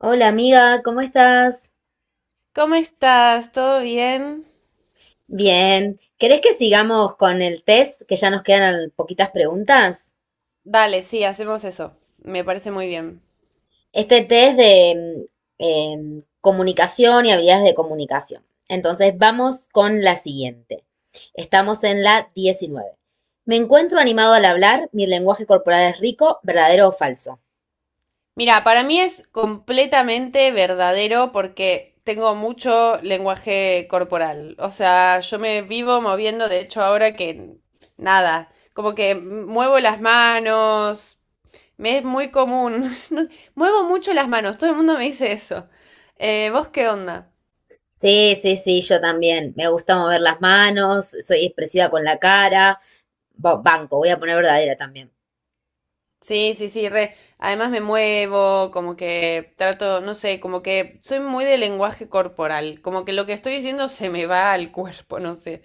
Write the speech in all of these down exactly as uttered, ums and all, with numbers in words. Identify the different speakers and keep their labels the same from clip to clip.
Speaker 1: Hola amiga, ¿cómo estás?
Speaker 2: ¿Cómo estás? ¿Todo bien?
Speaker 1: Bien. ¿Querés que sigamos con el test? Que ya nos quedan al- poquitas preguntas.
Speaker 2: Dale, sí, hacemos eso. Me parece muy bien.
Speaker 1: Este test de mm, em, comunicación y habilidades de comunicación. Entonces, vamos con la siguiente. Estamos en la diecinueve. Me encuentro animado al hablar, mi lenguaje corporal es rico, ¿verdadero o falso?
Speaker 2: Mira, para mí es completamente verdadero porque tengo mucho lenguaje corporal. O sea, yo me vivo moviendo, de hecho, ahora que nada, como que muevo las manos. Me es muy común. No- Muevo mucho las manos, todo el mundo me dice eso. Eh, ¿vos qué onda?
Speaker 1: Sí, sí, sí, yo también. Me gusta mover las manos, soy expresiva con la cara. Ba- Banco, voy a poner verdadera también.
Speaker 2: Sí, sí, sí, re. Además me muevo, como que trato, no sé, como que soy muy de lenguaje corporal, como que lo que estoy diciendo se me va al cuerpo, no sé.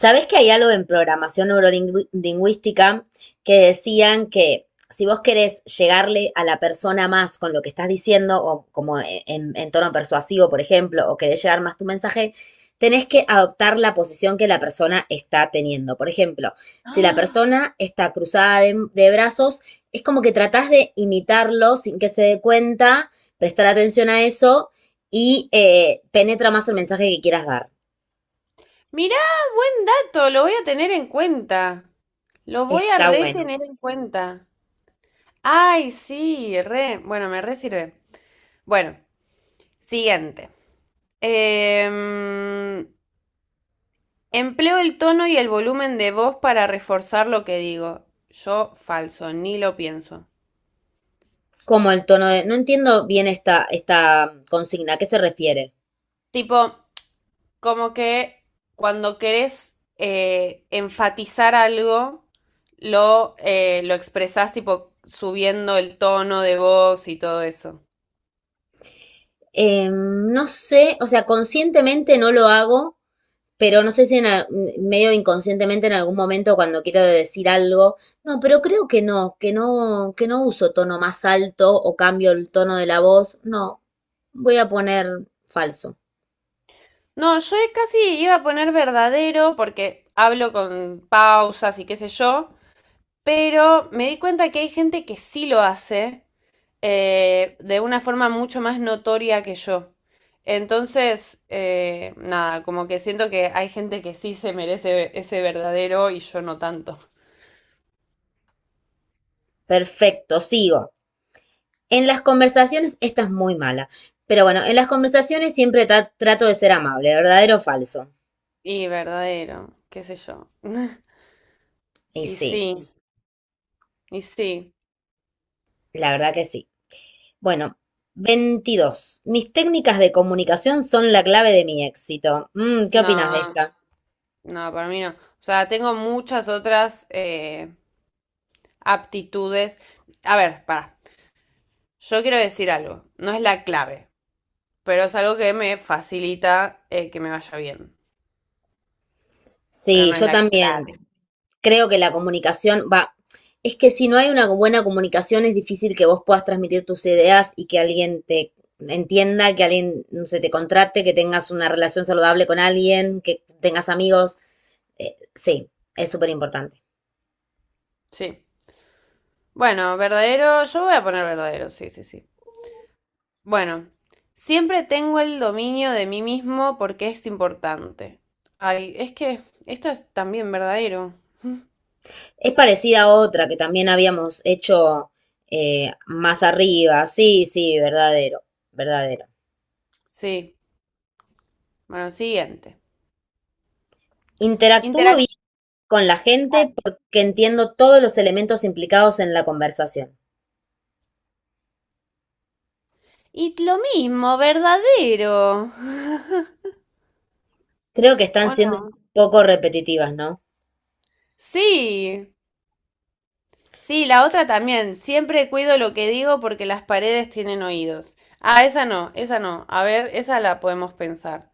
Speaker 1: Sabés que hay algo en programación neurolingüística que decían que si vos querés llegarle a la persona más con lo que estás diciendo, o como en, en tono persuasivo, por ejemplo, o querés llegar más tu mensaje, tenés que adoptar la posición que la persona está teniendo. Por ejemplo, si la
Speaker 2: ¡Ah!
Speaker 1: persona está cruzada de, de brazos, es como que tratás de imitarlo sin que se dé cuenta, prestar atención a eso y eh, penetra más el mensaje que quieras dar.
Speaker 2: Mirá, esto, lo voy a tener en cuenta. Lo voy a
Speaker 1: Está
Speaker 2: re
Speaker 1: bueno.
Speaker 2: tener en cuenta. Ay, sí, re. Bueno, me re sirve. Bueno, siguiente. Em, empleo el tono y el volumen de voz para reforzar lo que digo. Yo falso, ni lo pienso.
Speaker 1: Como el tono de... No entiendo bien esta, esta consigna, ¿a qué se refiere?
Speaker 2: Tipo, como que cuando querés eh, enfatizar algo, lo, eh, lo expresás tipo subiendo el tono de voz y todo eso.
Speaker 1: Eh, no sé, o sea, conscientemente no lo hago, pero no sé si en, al- medio inconscientemente en algún momento cuando quiero decir algo, no, pero creo que no, que no, que no uso tono más alto o cambio el tono de la voz, no, voy a poner falso.
Speaker 2: No, yo casi iba a poner verdadero porque hablo con pausas y qué sé yo, pero me di cuenta que hay gente que sí lo hace eh, de una forma mucho más notoria que yo. Entonces, eh, nada, como que siento que hay gente que sí se merece ese verdadero y yo no tanto.
Speaker 1: Perfecto, sigo. En las conversaciones, esta es muy mala, pero bueno, en las conversaciones siempre tra- trato de ser amable, ¿verdadero o falso?
Speaker 2: Y verdadero, qué sé yo.
Speaker 1: Y
Speaker 2: Y
Speaker 1: sí.
Speaker 2: sí, y sí.
Speaker 1: La verdad que sí. Bueno, veintidós. Mis técnicas de comunicación son la clave de mi éxito. Mm, ¿qué opinas de
Speaker 2: No,
Speaker 1: esta?
Speaker 2: no, para mí no. O sea, tengo muchas otras eh, aptitudes. A ver, para. Yo quiero decir algo. No es la clave, pero es algo que me facilita eh, que me vaya bien. Pero
Speaker 1: Sí,
Speaker 2: no es
Speaker 1: yo
Speaker 2: la
Speaker 1: también.
Speaker 2: clave.
Speaker 1: Creo que la comunicación va. Es que si no hay una buena comunicación es difícil que vos puedas transmitir tus ideas y que alguien te entienda, que alguien se te contrate, que tengas una relación saludable con alguien, que tengas amigos. Eh, sí, es súper importante.
Speaker 2: Sí. Bueno, verdadero, yo voy a poner verdadero, sí, sí, sí. Bueno, siempre tengo el dominio de mí mismo porque es importante. Ay, es que esto es también verdadero.
Speaker 1: Es parecida a otra que también habíamos hecho eh, más arriba. Sí, sí, verdadero, verdadero.
Speaker 2: Sí, bueno, siguiente.
Speaker 1: Interactúo
Speaker 2: Interac-
Speaker 1: bien con la gente porque entiendo todos los elementos implicados en la conversación.
Speaker 2: Y lo mismo, verdadero.
Speaker 1: Creo que
Speaker 2: ¿O
Speaker 1: están
Speaker 2: no?
Speaker 1: siendo un poco repetitivas, ¿no?
Speaker 2: Sí, sí, la otra también. Siempre cuido lo que digo porque las paredes tienen oídos. Ah, esa no, esa no. A ver, esa la podemos pensar.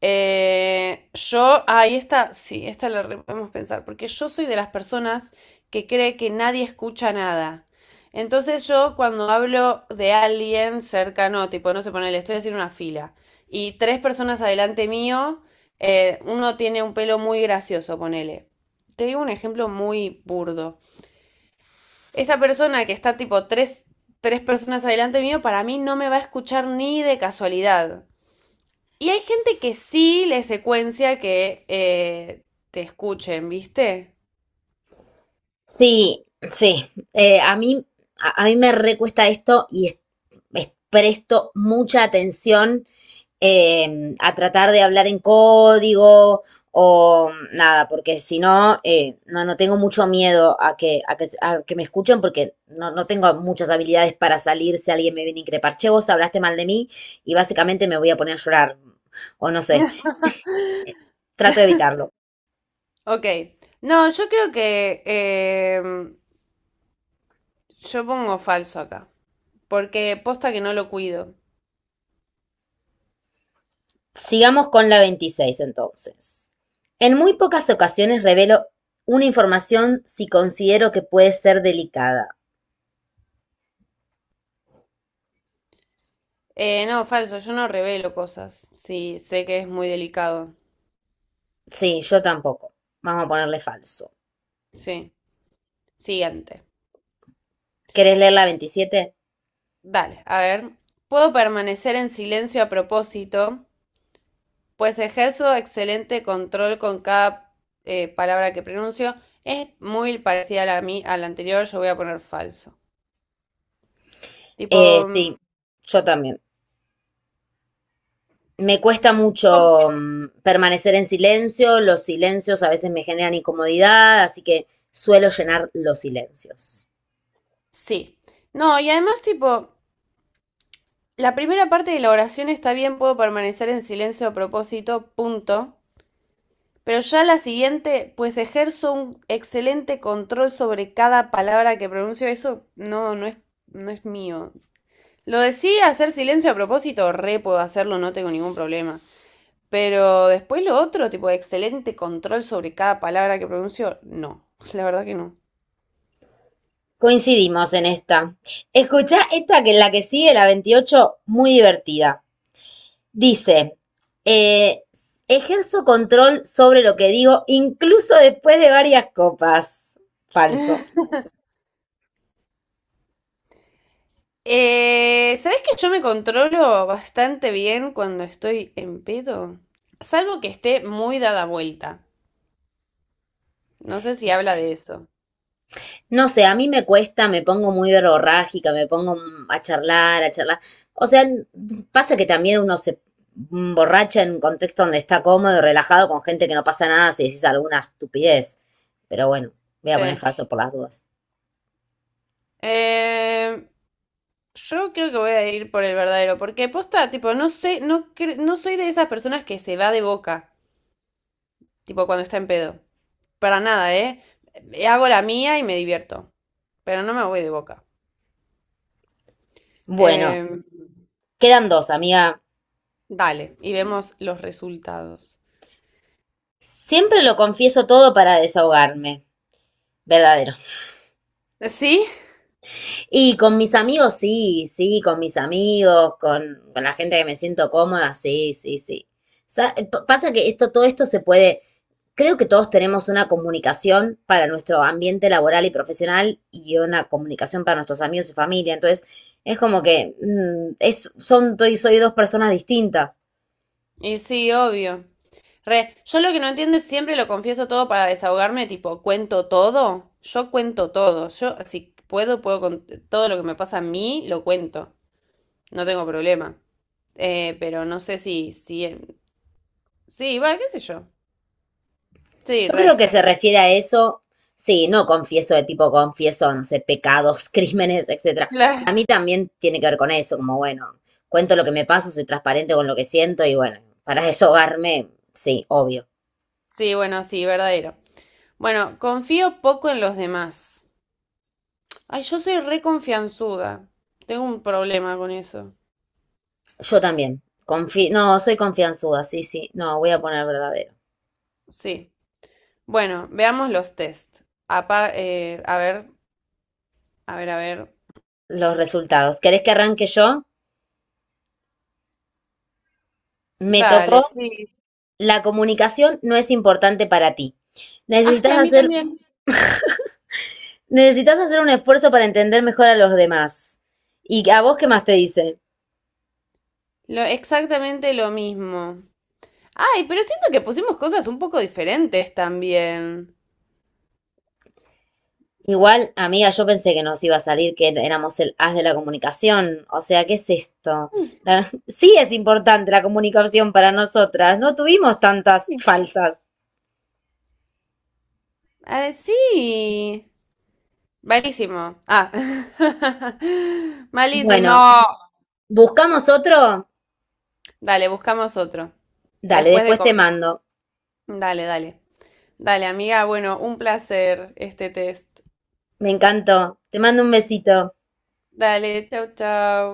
Speaker 2: Eh, yo, ahí está, sí, esta la re- podemos pensar, porque yo soy de las personas que cree que nadie escucha nada. Entonces yo cuando hablo de alguien cercano, tipo, no sé, ponele, estoy haciendo una fila y tres personas adelante mío, eh, uno tiene un pelo muy gracioso, ponele. Te digo un ejemplo muy burdo. Esa persona que está tipo tres, tres personas adelante mío, para mí no me va a escuchar ni de casualidad. Y hay gente que sí le secuencia que eh, te escuchen, ¿viste?
Speaker 1: Sí, sí. Eh, a mí, a, a mí me recuesta esto y es- es- presto mucha atención eh, a tratar de hablar en código o nada, porque si no, eh, no, no tengo mucho miedo a que, a que, a que me escuchen porque no, no tengo muchas habilidades para salir si alguien me viene a increpar, che, vos hablaste mal de mí y básicamente me voy a poner a llorar o no sé, trato de evitarlo.
Speaker 2: Ok. No, yo creo que em, yo pongo falso acá, porque posta que no lo cuido.
Speaker 1: Sigamos con la veintiséis entonces. En muy pocas ocasiones revelo una información si considero que puede ser delicada.
Speaker 2: Eh, no, falso, yo no revelo cosas. Sí, sé que es muy delicado.
Speaker 1: Sí, yo tampoco. Vamos a ponerle falso.
Speaker 2: Sí. Siguiente.
Speaker 1: ¿Querés leer la veintisiete?
Speaker 2: Dale, a ver. Puedo permanecer en silencio a propósito pues ejerzo excelente control con cada eh, palabra que pronuncio. Es muy parecida a la, mi- a la anterior, yo voy a poner falso. Tipo,
Speaker 1: Eh,
Speaker 2: mm,
Speaker 1: sí, yo también. Me cuesta
Speaker 2: ¿cómo?
Speaker 1: mucho mm, permanecer en silencio, los silencios a veces me generan incomodidad, así que suelo llenar los silencios.
Speaker 2: Sí. No, y además, tipo, la primera parte de la oración está bien, puedo permanecer en silencio a propósito, punto. Pero ya la siguiente, pues ejerzo un excelente control sobre cada palabra que pronuncio. Eso no, no es, no es mío. Lo de sí, hacer silencio a propósito, re puedo hacerlo, no tengo ningún problema. Pero después lo otro, tipo, excelente control sobre cada palabra que pronuncio, no, la verdad que no.
Speaker 1: Coincidimos en esta. Escucha esta que es la que sigue, la veintiocho, muy divertida. Dice, eh, ejerzo control sobre lo que digo incluso después de varias copas. Falso.
Speaker 2: Eh, ¿sabes que yo me controlo bastante bien cuando estoy en pedo? Salvo que esté muy dada vuelta. No sé si habla de eso.
Speaker 1: No sé, a mí me cuesta, me pongo muy verborrágica, me pongo a charlar, a charlar. O sea, pasa que también uno se borracha en un contexto donde está cómodo y relajado con gente que no pasa nada si dices alguna estupidez. Pero bueno, voy a poner
Speaker 2: Sí.
Speaker 1: falso por las dudas.
Speaker 2: Eh, yo creo que voy a ir por el verdadero, porque posta, tipo, no sé, no, cre- no soy de esas personas que se va de boca. Tipo cuando está en pedo. Para nada, ¿eh? Hago la mía y me divierto. Pero no me voy de boca.
Speaker 1: Bueno,
Speaker 2: Eh,
Speaker 1: quedan dos, amiga.
Speaker 2: dale, y vemos los resultados.
Speaker 1: Siempre lo confieso todo para desahogarme. Verdadero.
Speaker 2: ¿Sí?
Speaker 1: Y con mis amigos, sí, sí, con mis amigos, con, con la gente que me siento cómoda, sí, sí, sí. Sa- Pasa que esto, todo esto se puede, creo que todos tenemos una comunicación para nuestro ambiente laboral y profesional y una comunicación para nuestros amigos y familia. Entonces, es como que mm, es, son, soy, soy dos personas distintas.
Speaker 2: Y sí, obvio. Re, yo lo que no entiendo es siempre lo confieso todo para desahogarme, tipo, cuento todo. Yo cuento todo. Yo, si puedo, puedo con todo lo que me pasa a mí, lo cuento. No tengo problema. Eh, pero no sé si, si, sí, va, qué sé yo. Sí,
Speaker 1: Yo creo
Speaker 2: re.
Speaker 1: que se refiere a eso, sí, no confieso de tipo confieso, no sé, pecados, crímenes, etcétera. Para
Speaker 2: La-
Speaker 1: mí también tiene que ver con eso, como bueno, cuento lo que me pasa, soy transparente con lo que siento y bueno, para desahogarme, sí, obvio.
Speaker 2: Sí, bueno, sí, verdadero. Bueno, confío poco en los demás. Ay, yo soy re confianzuda. Tengo un problema con eso.
Speaker 1: Yo también. Confi no, soy confianzuda, sí, sí. No, voy a poner verdadero.
Speaker 2: Sí. Bueno, veamos los test. Apa- eh, a ver, a ver, a ver.
Speaker 1: Los resultados. ¿Querés que arranque yo? Me
Speaker 2: Dale,
Speaker 1: tocó.
Speaker 2: sí.
Speaker 1: La comunicación no es importante para ti.
Speaker 2: Ah, sí,
Speaker 1: Necesitas
Speaker 2: a mí
Speaker 1: hacer,
Speaker 2: también.
Speaker 1: Necesitas hacer un esfuerzo para entender mejor a los demás. ¿Y a vos qué más te dice?
Speaker 2: Lo, exactamente lo mismo. Ay, pero siento que pusimos cosas un poco diferentes también.
Speaker 1: Igual, amiga, yo pensé que nos iba a salir que éramos el as de la comunicación. O sea, ¿qué es esto? La- Sí es importante la comunicación para nosotras. No tuvimos tantas
Speaker 2: Sí.
Speaker 1: falsas.
Speaker 2: Ah, sí. Malísimo. Ah. Malísimo.
Speaker 1: Bueno, ¿buscamos otro?
Speaker 2: Dale, buscamos otro.
Speaker 1: Dale,
Speaker 2: Después de
Speaker 1: después te
Speaker 2: comer.
Speaker 1: mando.
Speaker 2: Dale, dale. Dale, amiga, bueno, un placer este test.
Speaker 1: Me encantó. Te mando un besito.
Speaker 2: Dale, chau, chau.